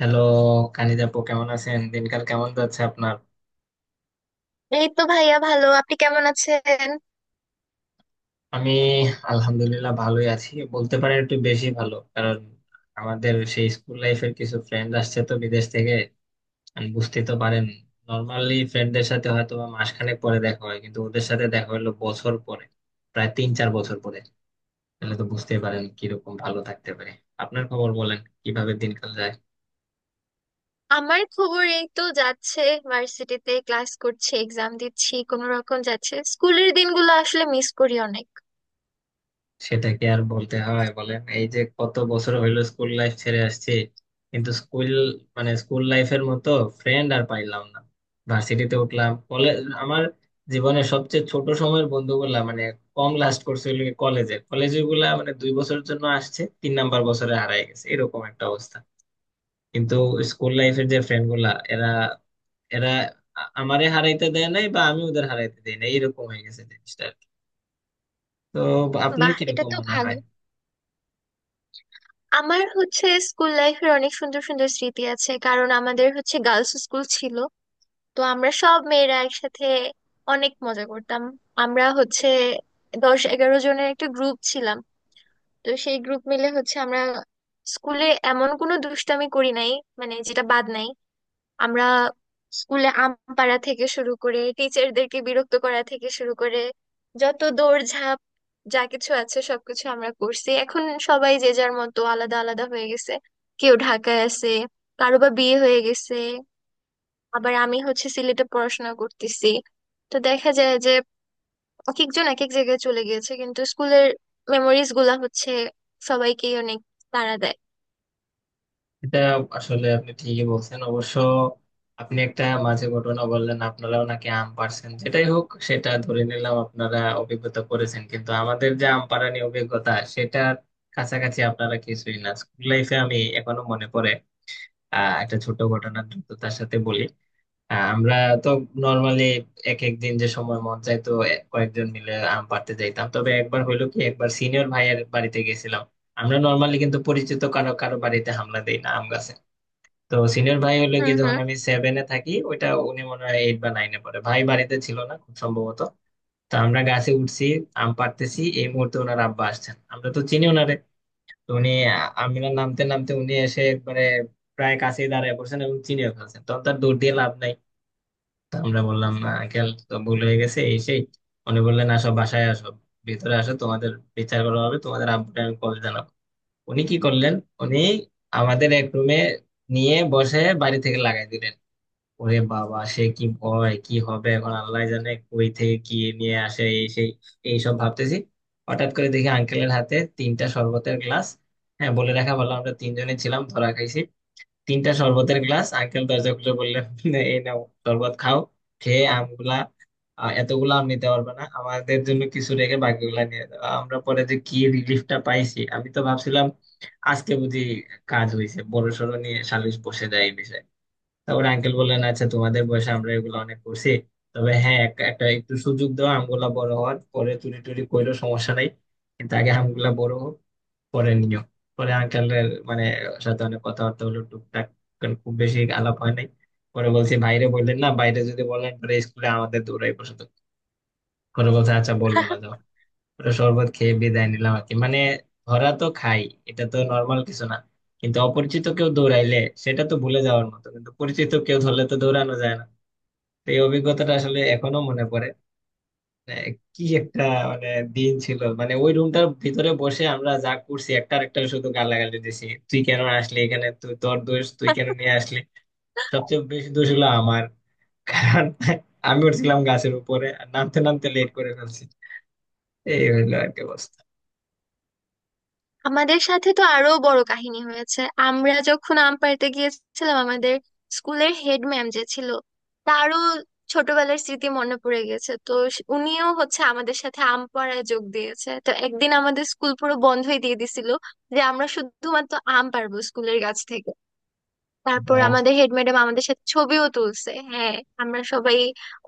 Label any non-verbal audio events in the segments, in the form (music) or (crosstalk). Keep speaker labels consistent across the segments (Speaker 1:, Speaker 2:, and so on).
Speaker 1: Hello কানিজাপু, কেমন আছেন? দিনকাল কেমন যাচ্ছে আপনার?
Speaker 2: এই তো ভাইয়া ভালো। আপনি কেমন আছেন?
Speaker 1: আমি আলহামদুলিল্লাহ ভালোই আছি, বলতে পারেন একটু বেশি ভালো, কারণ আমাদের সেই স্কুল লাইফের কিছু ফ্রেন্ড আসছে তো বিদেশ থেকে। আমি বুঝতে তো পারেন, নর্মালি ফ্রেন্ডদের সাথে হয়তো বা মাসখানেক পরে দেখা হয়, কিন্তু ওদের সাথে দেখা হলো বছর পরে, প্রায় 3 4 বছর পরে। তাহলে তো বুঝতেই পারেন কিরকম ভালো থাকতে পারে। আপনার খবর বলেন, কিভাবে দিনকাল যায়?
Speaker 2: আমার খবর এই তো যাচ্ছে। ভার্সিটিতে ক্লাস করছি, এক্সাম দিচ্ছি, কোনো রকম যাচ্ছে। স্কুলের দিনগুলো আসলে মিস করি অনেক।
Speaker 1: সেটা কি আর বলতে হয় বলেন, এই যে কত বছর হইলো স্কুল লাইফ ছেড়ে আসছি, কিন্তু স্কুল মানে স্কুল লাইফের মতো ফ্রেন্ড আর পাইলাম না। ভার্সিটিতে উঠলাম, কলেজ আমার জীবনের সবচেয়ে ছোট সময়ের বন্ধুগুলা, মানে কম লাস্ট করছে হলো কলেজে, কলেজে গুলা মানে 2 বছরের জন্য আসছে, তিন নাম্বার বছরে হারায় গেছে, এরকম একটা অবস্থা। কিন্তু স্কুল লাইফের যে ফ্রেন্ড গুলা, এরা এরা আ- আমারে হারাইতে দেয় নাই, বা আমি ওদের হারাইতে দেই না, এরকম হয়ে গেছে জিনিসটা আর কি। তো আপনার
Speaker 2: বাহ, এটা
Speaker 1: কিরকম
Speaker 2: তো
Speaker 1: মনে হয়?
Speaker 2: ভালো। আমার হচ্ছে স্কুল লাইফের অনেক সুন্দর সুন্দর স্মৃতি আছে, কারণ আমাদের হচ্ছে গার্লস স্কুল ছিল। তো আমরা সব মেয়েরা একসাথে অনেক মজা করতাম। আমরা হচ্ছে 10-11 জনের একটা গ্রুপ ছিলাম। তো সেই গ্রুপ মিলে হচ্ছে আমরা স্কুলে এমন কোনো দুষ্টামি করি নাই, মানে যেটা বাদ নাই। আমরা স্কুলে আম পাড়া থেকে শুরু করে টিচারদেরকে বিরক্ত করা থেকে শুরু করে, যত দৌড়ঝাঁপ, যা কিছু আছে সবকিছু আমরা করছি। এখন সবাই যে যার মতো আলাদা আলাদা হয়ে গেছে। কেউ ঢাকায় আছে, কারো বা বিয়ে হয়ে গেছে, আবার আমি হচ্ছে সিলেটে পড়াশোনা করতেছি। তো দেখা যায় যে এক একজন এক এক জায়গায় চলে গিয়েছে, কিন্তু স্কুলের মেমোরিজ গুলা হচ্ছে সবাইকেই অনেক তাড়া দেয়।
Speaker 1: এটা আসলে আপনি ঠিকই বলছেন অবশ্য। আপনি একটা মাঝে ঘটনা বললেন, আপনারাও নাকি আম পাড়ছেন। যেটাই হোক, সেটা ধরে নিলাম আপনারা অভিজ্ঞতা করেছেন, কিন্তু আমাদের যে আম পাড়া নিয়ে অভিজ্ঞতা, সেটার কাছাকাছি আপনারা কিছুই না। স্কুল লাইফে আমি এখনো মনে পড়ে, একটা ছোট ঘটনা দ্রুততার সাথে বলি। আমরা তো নর্মালি এক এক দিন যে সময় মন চাই তো কয়েকজন মিলে আম পাড়তে যাইতাম। তবে একবার হইলো কি, একবার সিনিয়র ভাইয়ের বাড়িতে গেছিলাম। আমরা নর্মালি কিন্তু পরিচিত কারো কারো বাড়িতে হামলা দেই না। তো সিনিয়র ভাই হলো
Speaker 2: হুম,
Speaker 1: গিয়ে, যখন
Speaker 2: হুম।
Speaker 1: আমি সেভেনে থাকি ওইটা, উনি মনে হয় এইট বা নাইনে পড়ে। ভাই বাড়িতে ছিল না খুব সম্ভবত। তো আমরা গাছে উঠছি, আম পাড়তেছি, এই মুহূর্তে ওনার আব্বা আসছেন। আমরা তো চিনি ওনারে। তো উনি, আমরা নামতে নামতে উনি এসে একবারে প্রায় কাছেই দাঁড়ায় পড়ছেন এবং চিনিয়ে ফেলছেন, তখন তার দৌড় দিয়ে লাভ নাই। তো আমরা বললাম, আঙ্কেল তো ভুল হয়ে গেছে, এই সেই। উনি বললেন, আসো বাসায় আসো, ভিতরে আসো, তোমাদের বিচার করা হবে, তোমাদের আব্বুকে আমি কল জানাবো। উনি কি করলেন, উনি আমাদের এক রুমে নিয়ে বসে বাড়ি থেকে লাগাই দিলেন। ওরে বাবা, সে কি ভয়, কি হবে এখন, আল্লাহ জানে কই থেকে কি নিয়ে আসে, এই সেই, এইসব ভাবতেছি। হঠাৎ করে দেখি আঙ্কেলের হাতে 3টা শরবতের গ্লাস। হ্যাঁ, বলে রাখা ভালো আমরা 3 জনে ছিলাম ধরা খাইছি। 3টা শরবতের গ্লাস, আঙ্কেল দরজা খুলে বললেন, এই নাও শরবত খাও, খেয়ে আমগুলা, এতগুলো আম নিতে পারবে না, আমাদের জন্য কিছু রেখে বাকিগুলা নিয়ে যাও। আমরা পরে যে কি রিলিফটা পাইছি, আমি তো ভাবছিলাম আজকে বুঝি কাজ হয়েছে, বড়সড় নিয়ে সালিশ বসে যায় এই বিষয়ে। তা ওর আঙ্কেল বললেন, আচ্ছা তোমাদের বয়সে আমরা এগুলো অনেক করছি, তবে হ্যাঁ, একটা একটু সুযোগ দাও, আমগুলা বড় হওয়ার পরে চুরি টুরি কইরো, সমস্যা নাই, কিন্তু আগে আমগুলা বড় হোক, পরে নিও। পরে আঙ্কেলের মানে সাথে অনেক কথাবার্তা হলো টুকটাক, কারণ খুব বেশি আলাপ হয় নাই। পরে বলছি বাইরে, বললেন না বাইরে যদি বলেন পরে স্কুলে আমাদের দৌড়াই বসে। পরে বলছে আচ্ছা বলবো না, যাও। পুরো শরবত খেয়ে বিদায় নিলাম আর কি, মানে ধরা তো খাই এটা তো নর্মাল কিছু না, কিন্তু অপরিচিত কেউ দৌড়াইলে সেটা তো ভুলে যাওয়ার মতো, কিন্তু পরিচিত কেউ ধরলে তো দৌড়ানো যায় না। তো এই অভিজ্ঞতাটা আসলে এখনো মনে পড়ে। আহ, কি একটা মানে দিন ছিল, মানে ওই রুমটার ভিতরে বসে আমরা যা করছি, একটা আরেকটা শুধু গালাগালি দিছি, তুই কেন আসলি এখানে, তুই তোর দোষ, তুই কেন নিয়ে আসলি। সবচেয়ে বেশি দোষ হলো আমার, কারণ আমি উঠছিলাম গাছের উপরে আর নামতে নামতে লেট করে ফেলছি। এই হইলো আর কি অবস্থা।
Speaker 2: আমাদের সাথে তো আরো বড় কাহিনী হয়েছে। আমরা যখন আম্পায়ারতে গিয়েছিলাম, আমাদের স্কুলের হেড ম্যাম যে ছিল, তারও ছোটবেলার স্মৃতি মনে পড়ে গেছে। তো উনিও হচ্ছে আমাদের সাথে আম্পায়ারে যোগ দিয়েছে। তো একদিন আমাদের স্কুল পুরো বন্ধই দিয়ে দিছিল, যে আমরা শুধুমাত্র আম পারবো স্কুলের গাছ থেকে। তারপর
Speaker 1: বাহ,
Speaker 2: আমাদের হেড ম্যাডাম আমাদের সাথে ছবিও তুলছে। হ্যাঁ, আমরা সবাই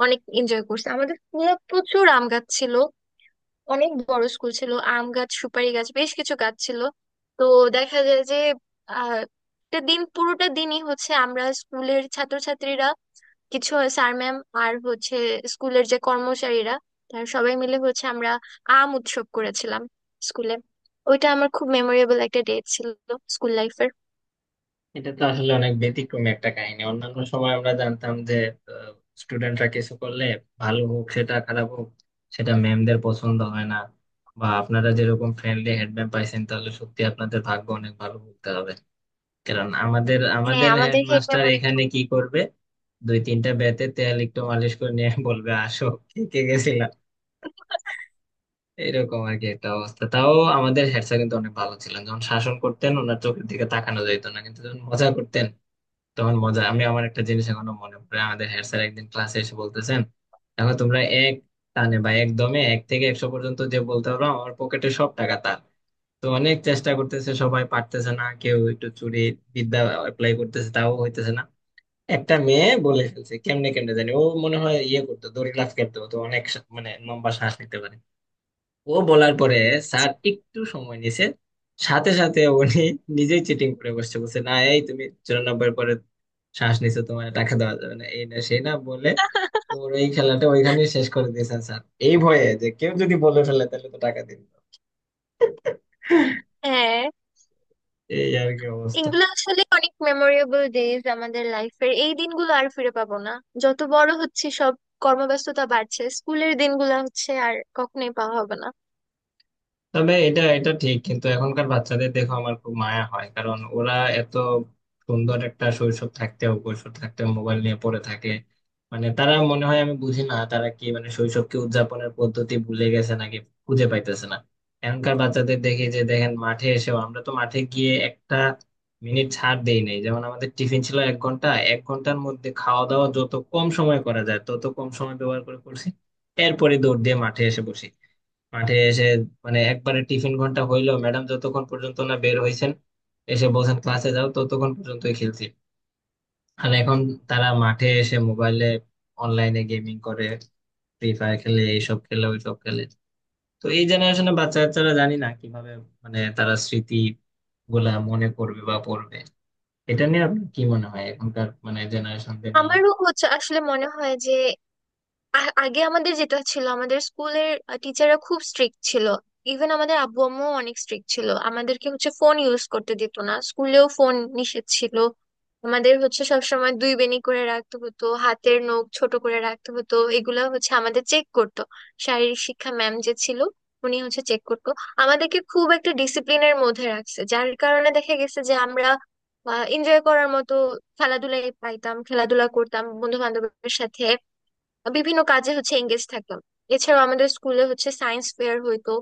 Speaker 2: অনেক এনজয় করছি। আমাদের স্কুলে প্রচুর আম গাছ ছিল, অনেক বড় স্কুল ছিল, আম গাছ সুপারি গাছ বেশ কিছু গাছ ছিল। তো দেখা যায় যে, আহ, একটা দিন পুরোটা দিনই হচ্ছে আমরা স্কুলের ছাত্রছাত্রীরা, কিছু স্যার ম্যাম, আর হচ্ছে স্কুলের যে কর্মচারীরা, তারা সবাই মিলে হচ্ছে আমরা আম উৎসব করেছিলাম স্কুলে। ওইটা আমার খুব মেমোরেবল একটা ডে ছিল স্কুল লাইফের।
Speaker 1: এটা তো আসলে অনেক ব্যতিক্রমী একটা কাহিনী। অন্যান্য সময় আমরা জানতাম যে স্টুডেন্টরা কিছু করলে, ভালো হোক সেটা খারাপ হোক, সেটা ম্যামদের পছন্দ হয় না। বা আপনারা যেরকম ফ্রেন্ডলি হেডম্যাম পাইছেন, তাহলে সত্যি আপনাদের ভাগ্য অনেক ভালো বলতে হবে। কারণ আমাদের
Speaker 2: হ্যাঁ,
Speaker 1: আমাদের
Speaker 2: আমাদের হেড
Speaker 1: হেডমাস্টার
Speaker 2: ম্যাম অনেক
Speaker 1: এখানে কি করবে, 2 3টা ব্যাতে তেল একটু মালিশ করে নিয়ে বলবে আসো, কে কে গেছিলাম, এরকম আর কি একটা অবস্থা। তাও আমাদের হেড স্যার কিন্তু অনেক ভালো ছিলেন, যখন শাসন করতেন ওনার চোখের দিকে তাকানো যেত না, কিন্তু যখন মজা করতেন তখন মজা। আমি আমার একটা জিনিস এখনো মনে পড়ে, আমাদের হেড স্যার একদিন ক্লাসে এসে বলতেছেন, দেখো তোমরা এক টানে বা একদমে 1 থেকে 100 পর্যন্ত যে বলতে পারো আমার পকেটে সব টাকা তার। তো অনেক চেষ্টা করতেছে সবাই, পারতেছে না, কেউ একটু চুরি বিদ্যা অ্যাপ্লাই করতেছে তাও হইতেছে না। একটা মেয়ে বলে ফেলছে কেমনে কেমনে জানি, ও মনে হয় ইয়ে করতো, দড়ি লাফ খেলতো, তো অনেক মানে লম্বা শ্বাস নিতে পারে। ও বলার পরে স্যার একটু সময় নিছে, সাথে সাথে উনি নিজেই চিটিং করে বসছে, বলছে না এই তুমি 94 পরে শ্বাস নিছো, তোমার টাকা দেওয়া যাবে না, এই না সেই না বলে
Speaker 2: (laughs)
Speaker 1: ওর এই খেলাটা ওইখানে শেষ করে দিয়েছেন স্যার। এই ভয়ে যে কেউ যদি বলে ফেলে তাহলে তো টাকা দিন।
Speaker 2: হ্যাঁ,
Speaker 1: এই আর কি অবস্থা।
Speaker 2: এগুলো আসলে অনেক মেমোরেবল ডেজ আমাদের লাইফের। এই দিনগুলো আর ফিরে পাবো না। যত বড় হচ্ছে সব কর্মব্যস্ততা বাড়ছে, স্কুলের দিনগুলো হচ্ছে আর কখনোই পাওয়া হবে না।
Speaker 1: তবে এটা এটা ঠিক, কিন্তু এখনকার বাচ্চাদের দেখো আমার খুব মায়া হয়, কারণ ওরা এত সুন্দর একটা শৈশব থাকতেও, কৈশোর থাকতেও মোবাইল নিয়ে পড়ে থাকে। মানে তারা মনে হয়, আমি বুঝি না তারা কি, মানে শৈশবকে উদযাপনের পদ্ধতি ভুলে গেছে নাকি খুঁজে পাইতেছে না। এখনকার বাচ্চাদের দেখি যে, দেখেন মাঠে এসেও, আমরা তো মাঠে গিয়ে একটা মিনিট ছাড় দেই নাই। যেমন আমাদের টিফিন ছিল 1 ঘন্টা, 1 ঘন্টার মধ্যে খাওয়া দাওয়া যত কম সময় করা যায় তত কম সময় ব্যবহার করে করছি। এরপরে দৌড় দিয়ে মাঠে এসে বসি, মাঠে এসে মানে একবারে টিফিন ঘন্টা হইলো, ম্যাডাম যতক্ষণ পর্যন্ত না বের হইছেন এসে বলছেন ক্লাসে যাও, ততক্ষণ পর্যন্তই খেলছি। আর এখন তারা মাঠে এসে মোবাইলে অনলাইনে গেমিং করে, ফ্রি ফায়ার খেলে, এইসব খেলে ওইসব খেলে। তো এই জেনারেশনে বাচ্চা কাচ্চারা জানি না কিভাবে, মানে তারা স্মৃতি গুলা মনে করবে বা পড়বে। এটা নিয়ে আপনার কি মনে হয় এখনকার মানে জেনারেশনদের নিয়ে?
Speaker 2: আমারও হচ্ছে আসলে মনে হয় যে আগে আমাদের যেটা ছিল, আমাদের স্কুলের টিচাররা খুব স্ট্রিক্ট ছিল। ইভেন আমাদের আব্বু আম্মুও অনেক স্ট্রিক্ট ছিল, আমাদেরকে হচ্ছে ফোন ইউজ করতে দিত না, স্কুলেও ফোন নিষেধ ছিল। আমাদের হচ্ছে সবসময় দুই বেনি করে রাখতে হতো, হাতের নখ ছোট করে রাখতে হতো, এগুলা হচ্ছে আমাদের চেক করতো। শারীরিক শিক্ষা ম্যাম যে ছিল, উনি হচ্ছে চেক করতো। আমাদেরকে খুব একটা ডিসিপ্লিনের মধ্যে রাখছে, যার কারণে দেখা গেছে যে আমরা এনজয় করার মতো খেলাধুলাই পাইতাম, খেলাধুলা করতাম বন্ধু বান্ধবের সাথে, বিভিন্ন কাজে হচ্ছে এঙ্গেজ থাকতাম। এছাড়াও আমাদের স্কুলে হচ্ছে সায়েন্স ফেয়ার হইতো।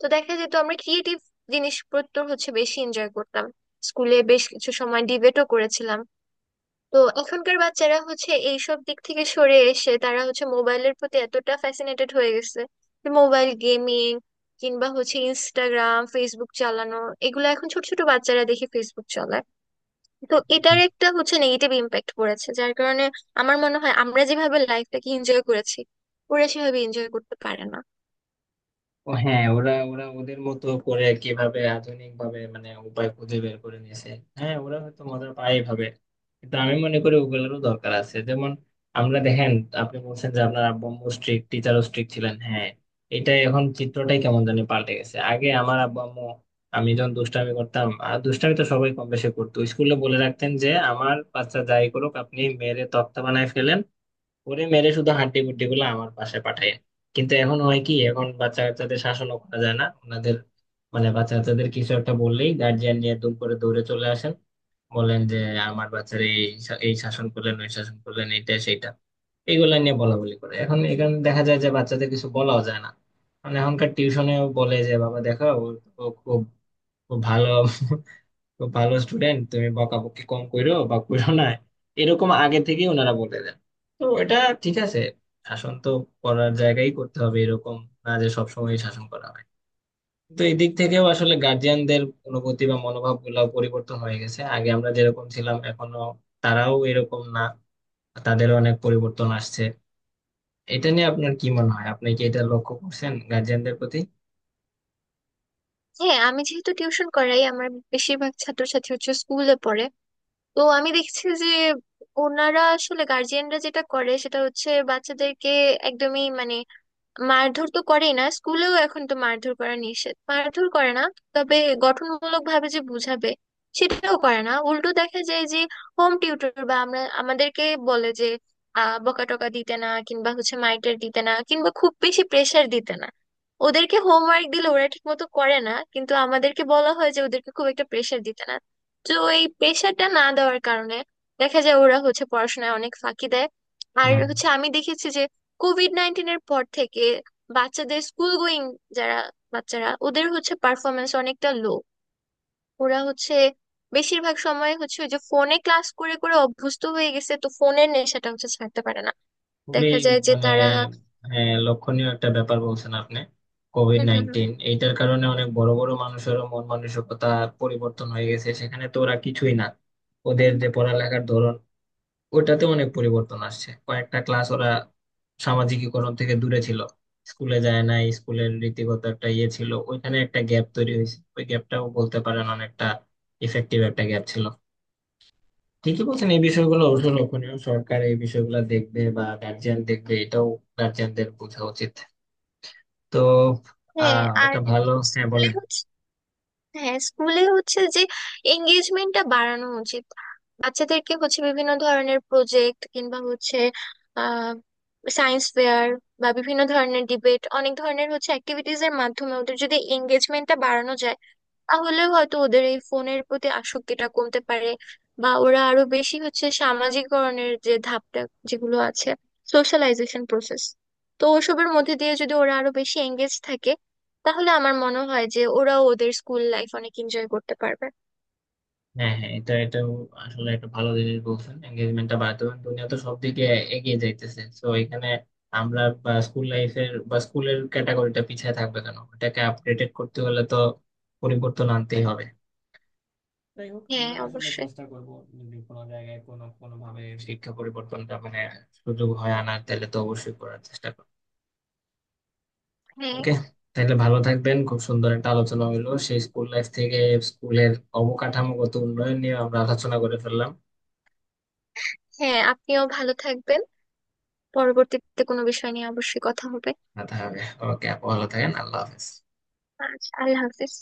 Speaker 2: তো দেখা যেত আমরা ক্রিয়েটিভ জিনিসপত্র হচ্ছে বেশি এনজয় করতাম। স্কুলে বেশ কিছু সময় ডিবেটও করেছিলাম। তো এখনকার বাচ্চারা হচ্ছে এইসব দিক থেকে সরে এসে তারা হচ্ছে মোবাইলের প্রতি এতটা ফ্যাসিনেটেড হয়ে গেছে যে মোবাইল গেমিং কিংবা হচ্ছে ইনস্টাগ্রাম ফেসবুক চালানো, এগুলো এখন ছোট ছোট বাচ্চারা দেখে ফেসবুক চালায়। তো এটার একটা হচ্ছে নেগেটিভ ইম্প্যাক্ট পড়েছে, যার কারণে আমার মনে হয় আমরা যেভাবে লাইফটাকে এনজয় করেছি, ওরা সেভাবে এনজয় করতে পারে না।
Speaker 1: ও হ্যাঁ, ওরা ওরা ওদের মতো করে কিভাবে আধুনিক ভাবে মানে উপায় খুঁজে বের করে নিয়েছে। হ্যাঁ, ওরা হয়তো মজা পায় এভাবে, কিন্তু আমি মনে করি ওগুলোরও দরকার আছে। যেমন আমরা দেখেন, আপনি বলছেন যে আপনার আব্বু আম্মু স্ট্রিক্ট, টিচারও স্ট্রিক্ট ছিলেন। হ্যাঁ, এটা এখন চিত্রটাই কেমন জানি পাল্টে গেছে। আগে আমার আব্বু আম্মু আমি যখন দুষ্টামি করতাম, আর দুষ্টামি তো সবাই কম বেশি করতো, স্কুলে বলে রাখতেন যে আমার বাচ্চা যাই করুক আপনি মেরে তক্তা বানায় ফেলেন, ওরে মেরে শুধু হাড্ডি গুড্ডি গুলো আমার পাশে পাঠায়। কিন্তু এখন হয় কি, এখন বাচ্চা কাচ্চাদের শাসনও করা যায় না, ওনাদের মানে বাচ্চা কাচ্চাদের কিছু একটা বললেই গার্জিয়ান নিয়ে দুম করে দৌড়ে চলে আসেন, বলেন যে আমার বাচ্চার এই এই শাসন করলেন, ওই শাসন করলেন, এইটা সেইটা এইগুলা নিয়ে বলা বলি করে। এখন এখানে দেখা যায় যে বাচ্চাদের কিছু বলাও যায় না, মানে এখনকার টিউশনেও বলে যে, বাবা দেখো ও, ও খুব ও ভালো তো, ভালো স্টুডেন্ট, তুমি বকাবকি কম করো বা করো না, এরকম আগে থেকে ওনারা বলে দেন। তো এটা ঠিক আছে, শাসন তো করার জায়গায় করতে হবে, এরকম না যে সবসময় শাসন করা হয়। তো এই দিক থেকেও আসলে গার্জিয়ানদের অনুভূতি বা মনোভাব গুলাও পরিবর্তন হয়ে গেছে। আগে আমরা যেরকম ছিলাম, এখনো তারাও এরকম না, তাদের অনেক পরিবর্তন আসছে। এটা নিয়ে আপনার কি মনে হয়, আপনি কি এটা লক্ষ্য করছেন গার্জিয়ানদের প্রতি?
Speaker 2: হ্যাঁ, আমি যেহেতু টিউশন করাই, আমার বেশিরভাগ ছাত্রছাত্রী হচ্ছে স্কুলে পড়ে। তো আমি দেখছি যে ওনারা আসলে গার্জিয়ানরা যেটা করে সেটা হচ্ছে বাচ্চাদেরকে একদমই মানে মারধর তো করেই না, স্কুলেও এখন তো মারধর করা নিষেধ, মারধর করে না। তবে গঠনমূলক ভাবে যে বুঝাবে, সেটাও করে না। উল্টো দেখা যায় যে হোম টিউটর বা আমরা, আমাদেরকে বলে যে আহ, বকাটকা দিতে না, কিংবা হচ্ছে মাইটার দিতে না, কিংবা খুব বেশি প্রেশার দিতে না। ওদেরকে হোমওয়ার্ক দিলে ওরা ঠিক মতো করে না, কিন্তু আমাদেরকে বলা হয় যে ওদেরকে খুব একটা প্রেশার দিতে না। তো এই প্রেশারটা না দেওয়ার কারণে দেখা যায় ওরা হচ্ছে পড়াশোনায় অনেক ফাঁকি দেয়। আর
Speaker 1: হুম।
Speaker 2: হচ্ছে আমি দেখেছি যে কোভিড-19-এর পর থেকে বাচ্চাদের স্কুল গোয়িং যারা বাচ্চারা, ওদের হচ্ছে পারফরমেন্স অনেকটা লো। ওরা হচ্ছে বেশিরভাগ সময় হচ্ছে ওই যে ফোনে ক্লাস করে করে অভ্যস্ত হয়ে গেছে, তো ফোনের নেশাটা হচ্ছে ছাড়তে পারে না।
Speaker 1: খুবই,
Speaker 2: দেখা যায় যে
Speaker 1: মানে
Speaker 2: তারা
Speaker 1: হ্যাঁ, লক্ষণীয় একটা ব্যাপার বলছেন আপনি। Covid
Speaker 2: hmm, hmm, hmm.
Speaker 1: Nineteen এইটার কারণে অনেক বড় বড় মানুষেরও মন মানসিকতা পরিবর্তন হয়ে গেছে, সেখানে তো ওরা কিছুই না। ওদের যে পড়ালেখার ধরন, ওটাতে অনেক পরিবর্তন আসছে, কয়েকটা ক্লাস ওরা সামাজিকীকরণ থেকে দূরে ছিল। স্কুলে যায় না, স্কুলের রীতিগত একটা ইয়ে ছিল ওইখানে, একটা গ্যাপ তৈরি হয়েছে, ওই গ্যাপটাও বলতে পারেন অনেকটা ইফেক্টিভ একটা গ্যাপ ছিল। ঠিকই বলছেন, এই বিষয়গুলো অবশ্য লক্ষণীয়। সরকার এই বিষয়গুলো দেখবে বা গার্জিয়ান দেখবে, এটাও গার্জিয়ানদের বোঝা উচিত। তো
Speaker 2: হ্যাঁ। আর
Speaker 1: একটা ভালো, হ্যাঁ
Speaker 2: স্কুলে
Speaker 1: বলেন।
Speaker 2: হচ্ছে, হ্যাঁ, স্কুলে হচ্ছে যে এঙ্গেজমেন্টটা বাড়ানো উচিত। বাচ্চাদেরকে হচ্ছে বিভিন্ন ধরনের প্রজেক্ট, কিংবা হচ্ছে আহ, সায়েন্স ফেয়ার বা বিভিন্ন ধরনের ডিবেট, অনেক ধরনের হচ্ছে অ্যাক্টিভিটিজ এর মাধ্যমে ওদের যদি এঙ্গেজমেন্টটা বাড়ানো যায়, তাহলে হয়তো ওদের এই ফোনের প্রতি আসক্তিটা কমতে পারে। বা ওরা আরো বেশি হচ্ছে সামাজিককরণের যে ধাপটা, যেগুলো আছে, সোশ্যালাইজেশন প্রসেস, তো ওসবের মধ্যে দিয়ে যদি ওরা আরো বেশি এঙ্গেজ থাকে, তাহলে আমার মনে হয় যে ওরাও ওদের স্কুল লাইফ অনেক এনজয় করতে পারবে।
Speaker 1: হ্যাঁ হ্যাঁ, এটাও আসলে একটা ভালো জিনিস বলছেন, এঙ্গেজমেন্টটা বাড়াতে হবে। দুনিয়া তো সব দিকে এগিয়ে যাইতেছে, তো এখানে আমরা বা স্কুল লাইফের বা স্কুলের ক্যাটাগরিটা পিছিয়ে থাকবে কেন? এটাকে আপডেটেড করতে হলে তো পরিবর্তন আনতেই হবে। যাই হোক,
Speaker 2: হ্যাঁ,
Speaker 1: আমরা আসলে
Speaker 2: অবশ্যই।
Speaker 1: চেষ্টা করব, যদি কোনো জায়গায় কোনো কোনো ভাবে শিক্ষা পরিবর্তনটা মানে সুযোগ হয় আনার, তাহলে তো অবশ্যই করার চেষ্টা করব।
Speaker 2: হ্যাঁ,
Speaker 1: ওকে, তাহলে ভালো থাকবেন। খুব সুন্দর একটা আলোচনা হলো, সেই স্কুল লাইফ থেকে স্কুলের অবকাঠামোগত উন্নয়ন নিয়ে আমরা আলোচনা করে ফেললাম।
Speaker 2: হ্যাঁ, আপনিও ভালো থাকবেন। পরবর্তীতে কোনো বিষয় নিয়ে অবশ্যই কথা হবে।
Speaker 1: কথা হবে। ওকে আপু, ভালো থাকেন, আল্লাহ হাফেজ।
Speaker 2: আচ্ছা, আল্লাহ হাফিজ।